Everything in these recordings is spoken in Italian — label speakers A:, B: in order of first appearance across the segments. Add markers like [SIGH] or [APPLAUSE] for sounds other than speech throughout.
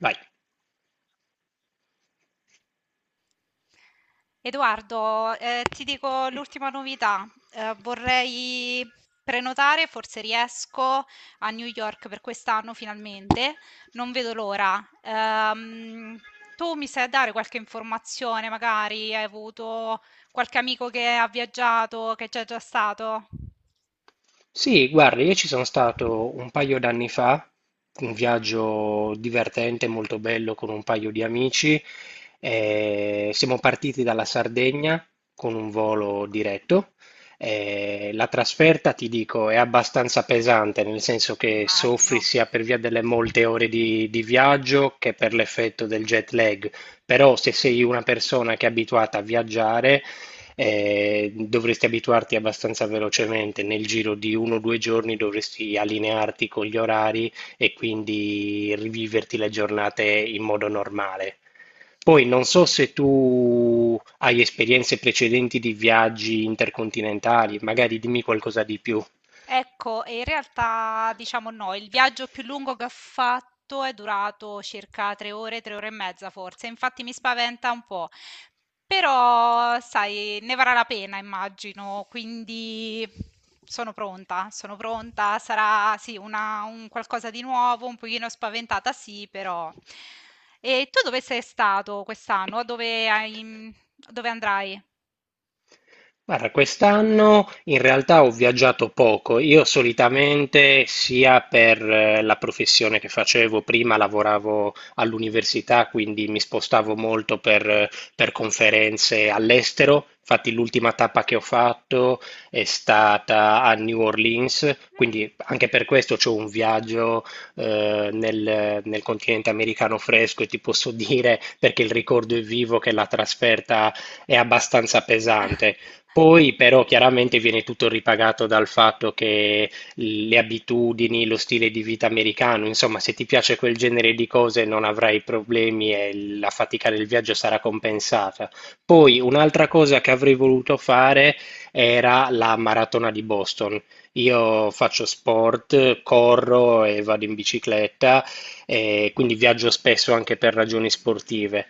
A: Vai.
B: Edoardo, ti dico l'ultima novità. Vorrei prenotare, forse riesco, a New York per quest'anno finalmente. Non vedo l'ora. Tu mi sai dare qualche informazione, magari hai avuto qualche amico che ha viaggiato, che c'è già stato?
A: Sì, guarda, io ci sono stato un paio d'anni fa, un viaggio divertente, molto bello con un paio di amici. Siamo partiti dalla Sardegna con un volo diretto. La trasferta, ti dico, è abbastanza pesante, nel senso che soffri
B: Immagino.
A: sia per via delle molte ore di viaggio che per l'effetto del jet lag. Però se sei una persona che è abituata a viaggiare, dovresti abituarti abbastanza velocemente, nel giro di uno o due giorni dovresti allinearti con gli orari e quindi riviverti le giornate in modo normale. Poi non so se tu hai esperienze precedenti di viaggi intercontinentali, magari dimmi qualcosa di più.
B: Ecco, e in realtà diciamo no, il viaggio più lungo che ho fatto è durato circa 3 ore, 3 ore e mezza forse, infatti mi spaventa un po', però sai, ne varrà la pena immagino, quindi sono pronta, sarà sì una, un qualcosa di nuovo, un pochino spaventata sì, però. E tu dove sei stato quest'anno? Dove andrai?
A: Guarda, quest'anno in realtà ho viaggiato poco. Io solitamente sia per la professione che facevo, prima lavoravo all'università, quindi mi spostavo molto per conferenze all'estero. Infatti l'ultima tappa che ho fatto è stata a New Orleans,
B: Mm.
A: quindi anche per questo c'ho un viaggio nel continente americano fresco e ti posso dire, perché il ricordo è vivo, che la trasferta è abbastanza pesante.
B: [LAUGHS]
A: Poi però chiaramente viene tutto ripagato dal fatto che le abitudini, lo stile di vita americano, insomma, se ti piace quel genere di cose non avrai problemi e la fatica del viaggio sarà compensata. Poi un'altra cosa che avrei voluto fare era la maratona di Boston. Io faccio sport, corro e vado in bicicletta, e quindi viaggio spesso anche per ragioni sportive,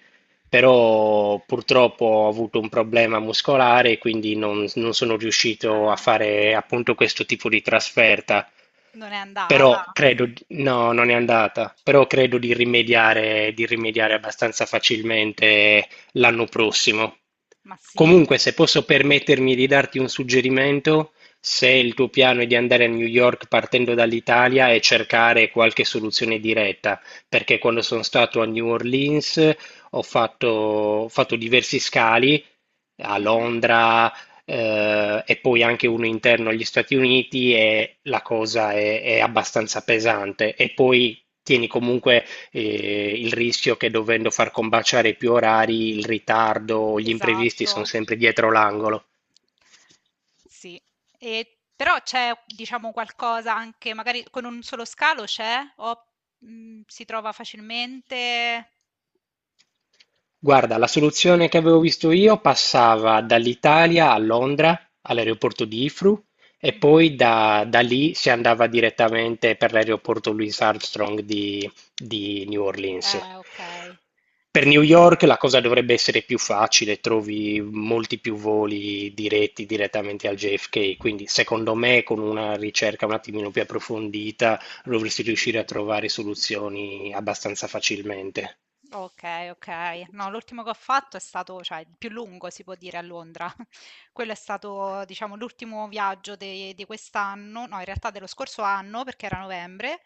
A: però purtroppo ho avuto un problema muscolare, e quindi non sono riuscito a
B: Ah,
A: fare appunto questo tipo di trasferta.
B: non è
A: Però
B: andata.
A: credo, no, non è andata, però credo di rimediare abbastanza facilmente l'anno prossimo.
B: Ma sì,
A: Comunque, se posso permettermi di darti un suggerimento, se il tuo piano è di andare a New York partendo dall'Italia e cercare qualche soluzione diretta, perché quando sono stato a New Orleans ho fatto diversi scali a
B: mh-mh,
A: Londra, e poi anche uno interno agli Stati Uniti e la cosa è abbastanza pesante. E poi tieni comunque il rischio che, dovendo far combaciare più orari, il ritardo, gli imprevisti
B: esatto,
A: sono sempre dietro l'angolo.
B: sì. E però c'è, diciamo, qualcosa anche magari con un solo scalo c'è? O, si trova facilmente?
A: Guarda, la soluzione che avevo visto io passava dall'Italia a Londra, all'aeroporto di Heathrow, e
B: Mh-mh.
A: poi da lì si andava direttamente per l'aeroporto Louis Armstrong di New Orleans.
B: Okay.
A: Per
B: Sì.
A: New York la cosa dovrebbe essere più facile, trovi molti più voli diretti direttamente al JFK, quindi secondo me con una ricerca un attimino più approfondita dovresti riuscire a trovare soluzioni abbastanza facilmente.
B: Okay, okay. No, l'ultimo che ho fatto è stato cioè il più lungo si può dire a Londra. Quello è stato, diciamo, l'ultimo viaggio de di quest'anno, no, in realtà dello scorso anno, perché era novembre.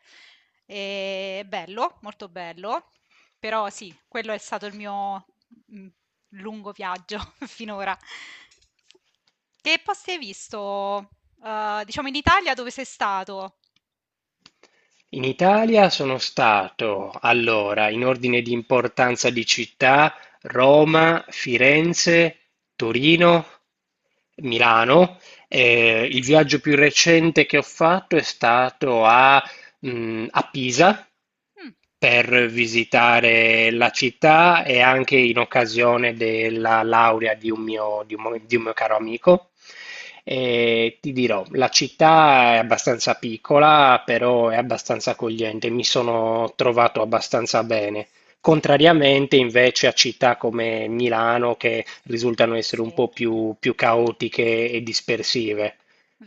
B: E bello, molto bello. Però sì, quello è stato il mio mm, lungo viaggio [LAUGHS] finora. Che posti hai visto, diciamo, in Italia dove sei stato?
A: In Italia sono stato, allora, in ordine di importanza di città, Roma, Firenze, Torino, Milano.
B: Mhm.
A: Il viaggio più recente che ho fatto è stato a a Pisa
B: Mm,
A: per visitare la città e anche in occasione della laurea di un mio, di un mo- di un mio caro amico. E ti dirò, la città è abbastanza piccola, però è abbastanza accogliente, mi sono trovato abbastanza bene. Contrariamente invece a città come Milano, che risultano essere
B: sì.
A: un po' più, più caotiche e dispersive,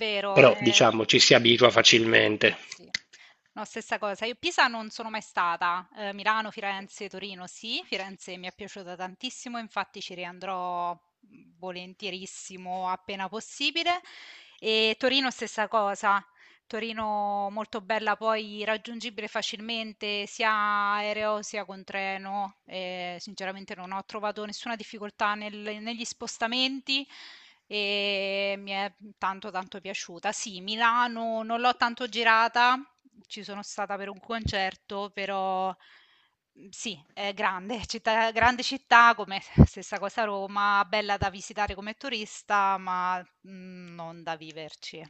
B: Vero,
A: però diciamo ci si abitua facilmente.
B: sì. No, stessa cosa. Io Pisa non sono mai stata. Milano, Firenze, Torino sì. Firenze mi è piaciuta tantissimo, infatti ci riandrò, volentierissimo appena possibile. E Torino stessa cosa. Torino molto bella, poi raggiungibile facilmente sia aereo sia con treno. E sinceramente non ho trovato nessuna difficoltà negli spostamenti e mi è tanto tanto piaciuta. Sì, Milano non l'ho tanto girata, ci sono stata per un concerto, però mm, sì, è grande, [LAUGHS] grande città, come [LAUGHS] stessa cosa Roma, bella da visitare come turista, ma non da viverci.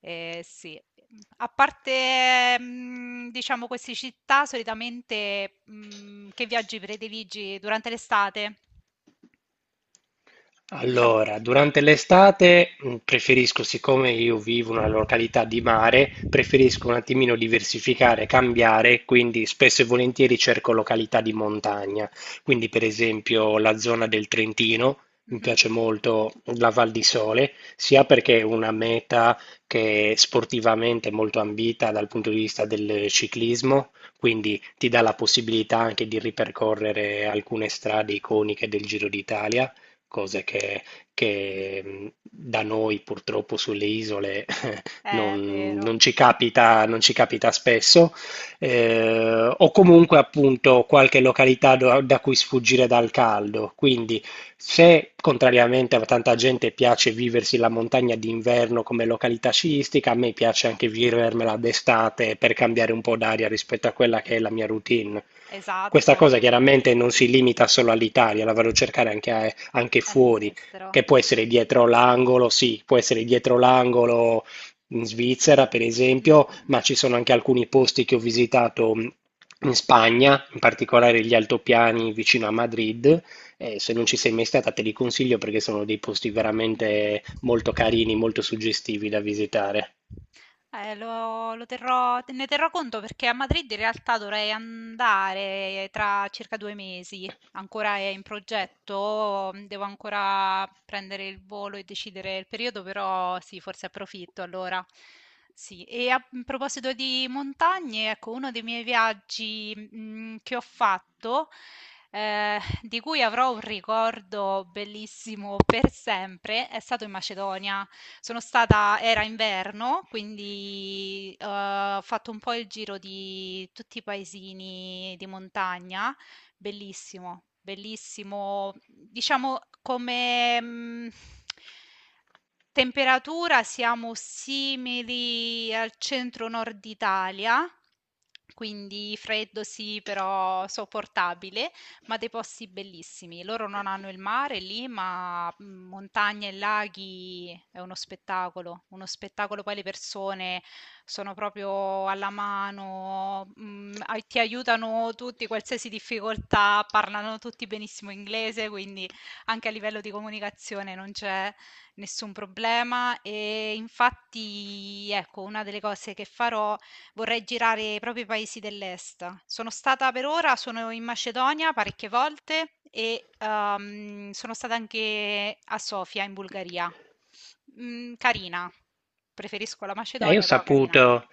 B: Sì. A parte, diciamo queste città solitamente, che viaggi prediligi durante l'estate? Diciamo
A: Allora, durante l'estate preferisco, siccome io vivo in una località di mare, preferisco un attimino diversificare, cambiare, quindi spesso e volentieri cerco località di montagna. Quindi, per esempio, la zona del Trentino, mi
B: mh-mh.
A: piace molto la Val di Sole, sia perché è una meta che è sportivamente molto ambita dal punto di vista del ciclismo, quindi ti dà la possibilità anche di ripercorrere alcune strade iconiche del Giro d'Italia, cose da noi purtroppo sulle isole
B: È vero,
A: non ci capita, non ci capita spesso, o comunque appunto qualche località da cui sfuggire dal caldo. Quindi, se contrariamente a tanta gente piace viversi la montagna d'inverno come località sciistica, a me piace anche vivermela d'estate per cambiare un po' d'aria rispetto a quella che è la mia routine. Questa
B: esatto,
A: cosa chiaramente non si limita solo all'Italia, la vado a cercare anche, anche fuori,
B: all'estero.
A: che può essere dietro l'angolo, sì, può essere dietro l'angolo in Svizzera, per esempio, ma
B: Mh-mh.
A: ci sono anche alcuni posti che ho visitato in Spagna, in particolare gli altopiani vicino a Madrid. Se non ci sei mai stata, te li consiglio perché sono dei posti veramente
B: Mh-mh.
A: molto carini, molto suggestivi da visitare.
B: Lo terrò, ne terrò conto perché a Madrid in realtà dovrei andare tra circa 2 mesi. Ancora è in progetto, devo ancora prendere il volo e decidere il periodo, però sì, forse approfitto allora. Sì, e a in proposito di montagne, ecco, uno dei miei viaggi che ho fatto di cui avrò un ricordo bellissimo per sempre, è stato in Macedonia. Sono stata era inverno, quindi, ho fatto un po' il giro di tutti i paesini di montagna. Bellissimo, bellissimo, diciamo come, mhmm temperatura siamo simili al centro nord Italia, quindi freddo sì, però sopportabile, ma dei posti bellissimi. Loro non hanno il mare lì, ma montagne e laghi è uno spettacolo, uno spettacolo. Poi le persone sono proprio alla mano, ti aiutano tutti, qualsiasi difficoltà, parlano tutti benissimo inglese, quindi anche a livello di comunicazione non c'è. Nessun problema. E infatti, ecco, una delle cose che farò vorrei girare proprio i paesi dell'est. Sono stata per ora, sono in Macedonia parecchie volte e sono stata anche a Sofia in Bulgaria. Mm, carina. Preferisco la
A: Io ho
B: Macedonia, però carina.
A: saputo,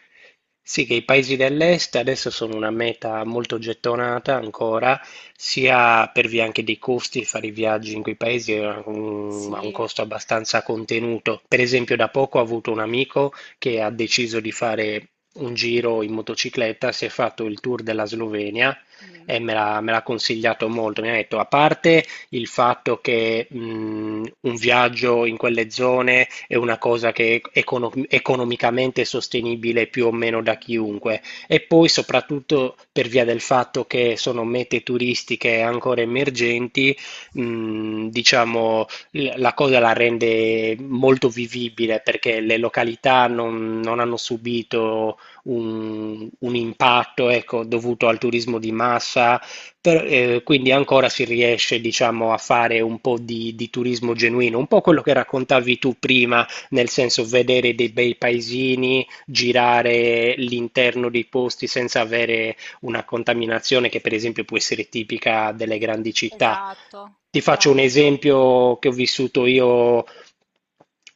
A: sì, che i paesi dell'est adesso sono una meta molto gettonata ancora, sia per via anche dei costi, fare i viaggi in quei paesi è ha un
B: Sì.
A: costo abbastanza contenuto. Per esempio, da poco ho avuto un amico che ha deciso di fare un giro in motocicletta, si è fatto il tour della Slovenia
B: Mm.
A: e me l'ha consigliato molto. Mi ha detto, a parte il fatto che un viaggio in quelle zone è una cosa che è economicamente sostenibile più o meno da chiunque. E poi soprattutto per via del fatto che sono mete turistiche ancora emergenti, diciamo, la cosa la rende molto vivibile perché le località non hanno subito un impatto, ecco, dovuto al turismo di massa, quindi ancora si riesce, diciamo, a fare un po' di turismo genuino, un po' quello che raccontavi tu prima, nel senso vedere dei bei paesini, girare l'interno dei posti senza avere una contaminazione che per esempio può essere tipica delle grandi città.
B: Esatto,
A: Ti faccio un
B: esatto, esatto.
A: esempio che ho vissuto io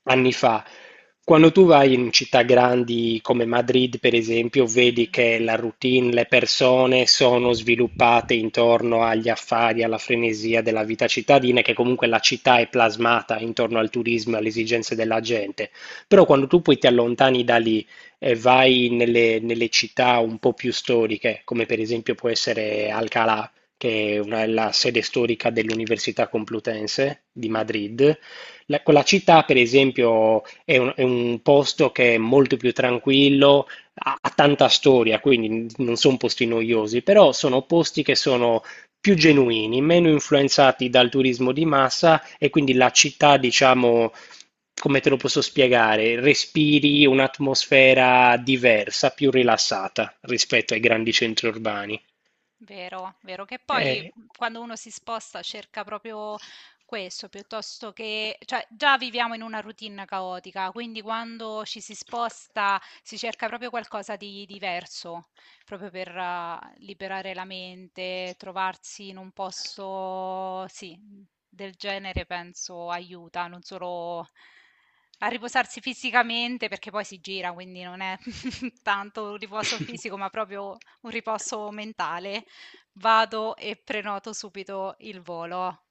A: anni fa. Quando tu vai in città grandi come Madrid, per esempio, vedi
B: Mhm,
A: che la routine, le persone sono sviluppate intorno agli affari, alla frenesia della vita cittadina, e che comunque la città è plasmata intorno al turismo e alle esigenze della gente. Però quando tu poi ti allontani da lì e vai nelle città un po' più storiche, come per esempio può essere Alcalá, che è la sede storica dell'Università Complutense di
B: mhm.
A: Madrid, quella città, per esempio, è un posto che è molto più tranquillo, ha tanta storia, quindi non sono posti noiosi, però sono posti che sono più genuini, meno influenzati dal turismo di massa e quindi la città, diciamo, come te lo posso spiegare, respiri un'atmosfera diversa, più rilassata rispetto ai grandi centri urbani.
B: Vero, vero, che poi
A: Eh,
B: quando uno si sposta cerca proprio questo, piuttosto che, cioè già viviamo in una routine caotica, quindi quando ci si sposta si cerca proprio qualcosa di diverso, proprio per liberare la mente, trovarsi in un posto, sì, del genere penso aiuta, non solo a riposarsi fisicamente, perché poi si gira, quindi non è [LAUGHS] tanto un riposo fisico, ma proprio un
A: [LAUGHS]
B: riposo mentale. Vado e prenoto subito il volo.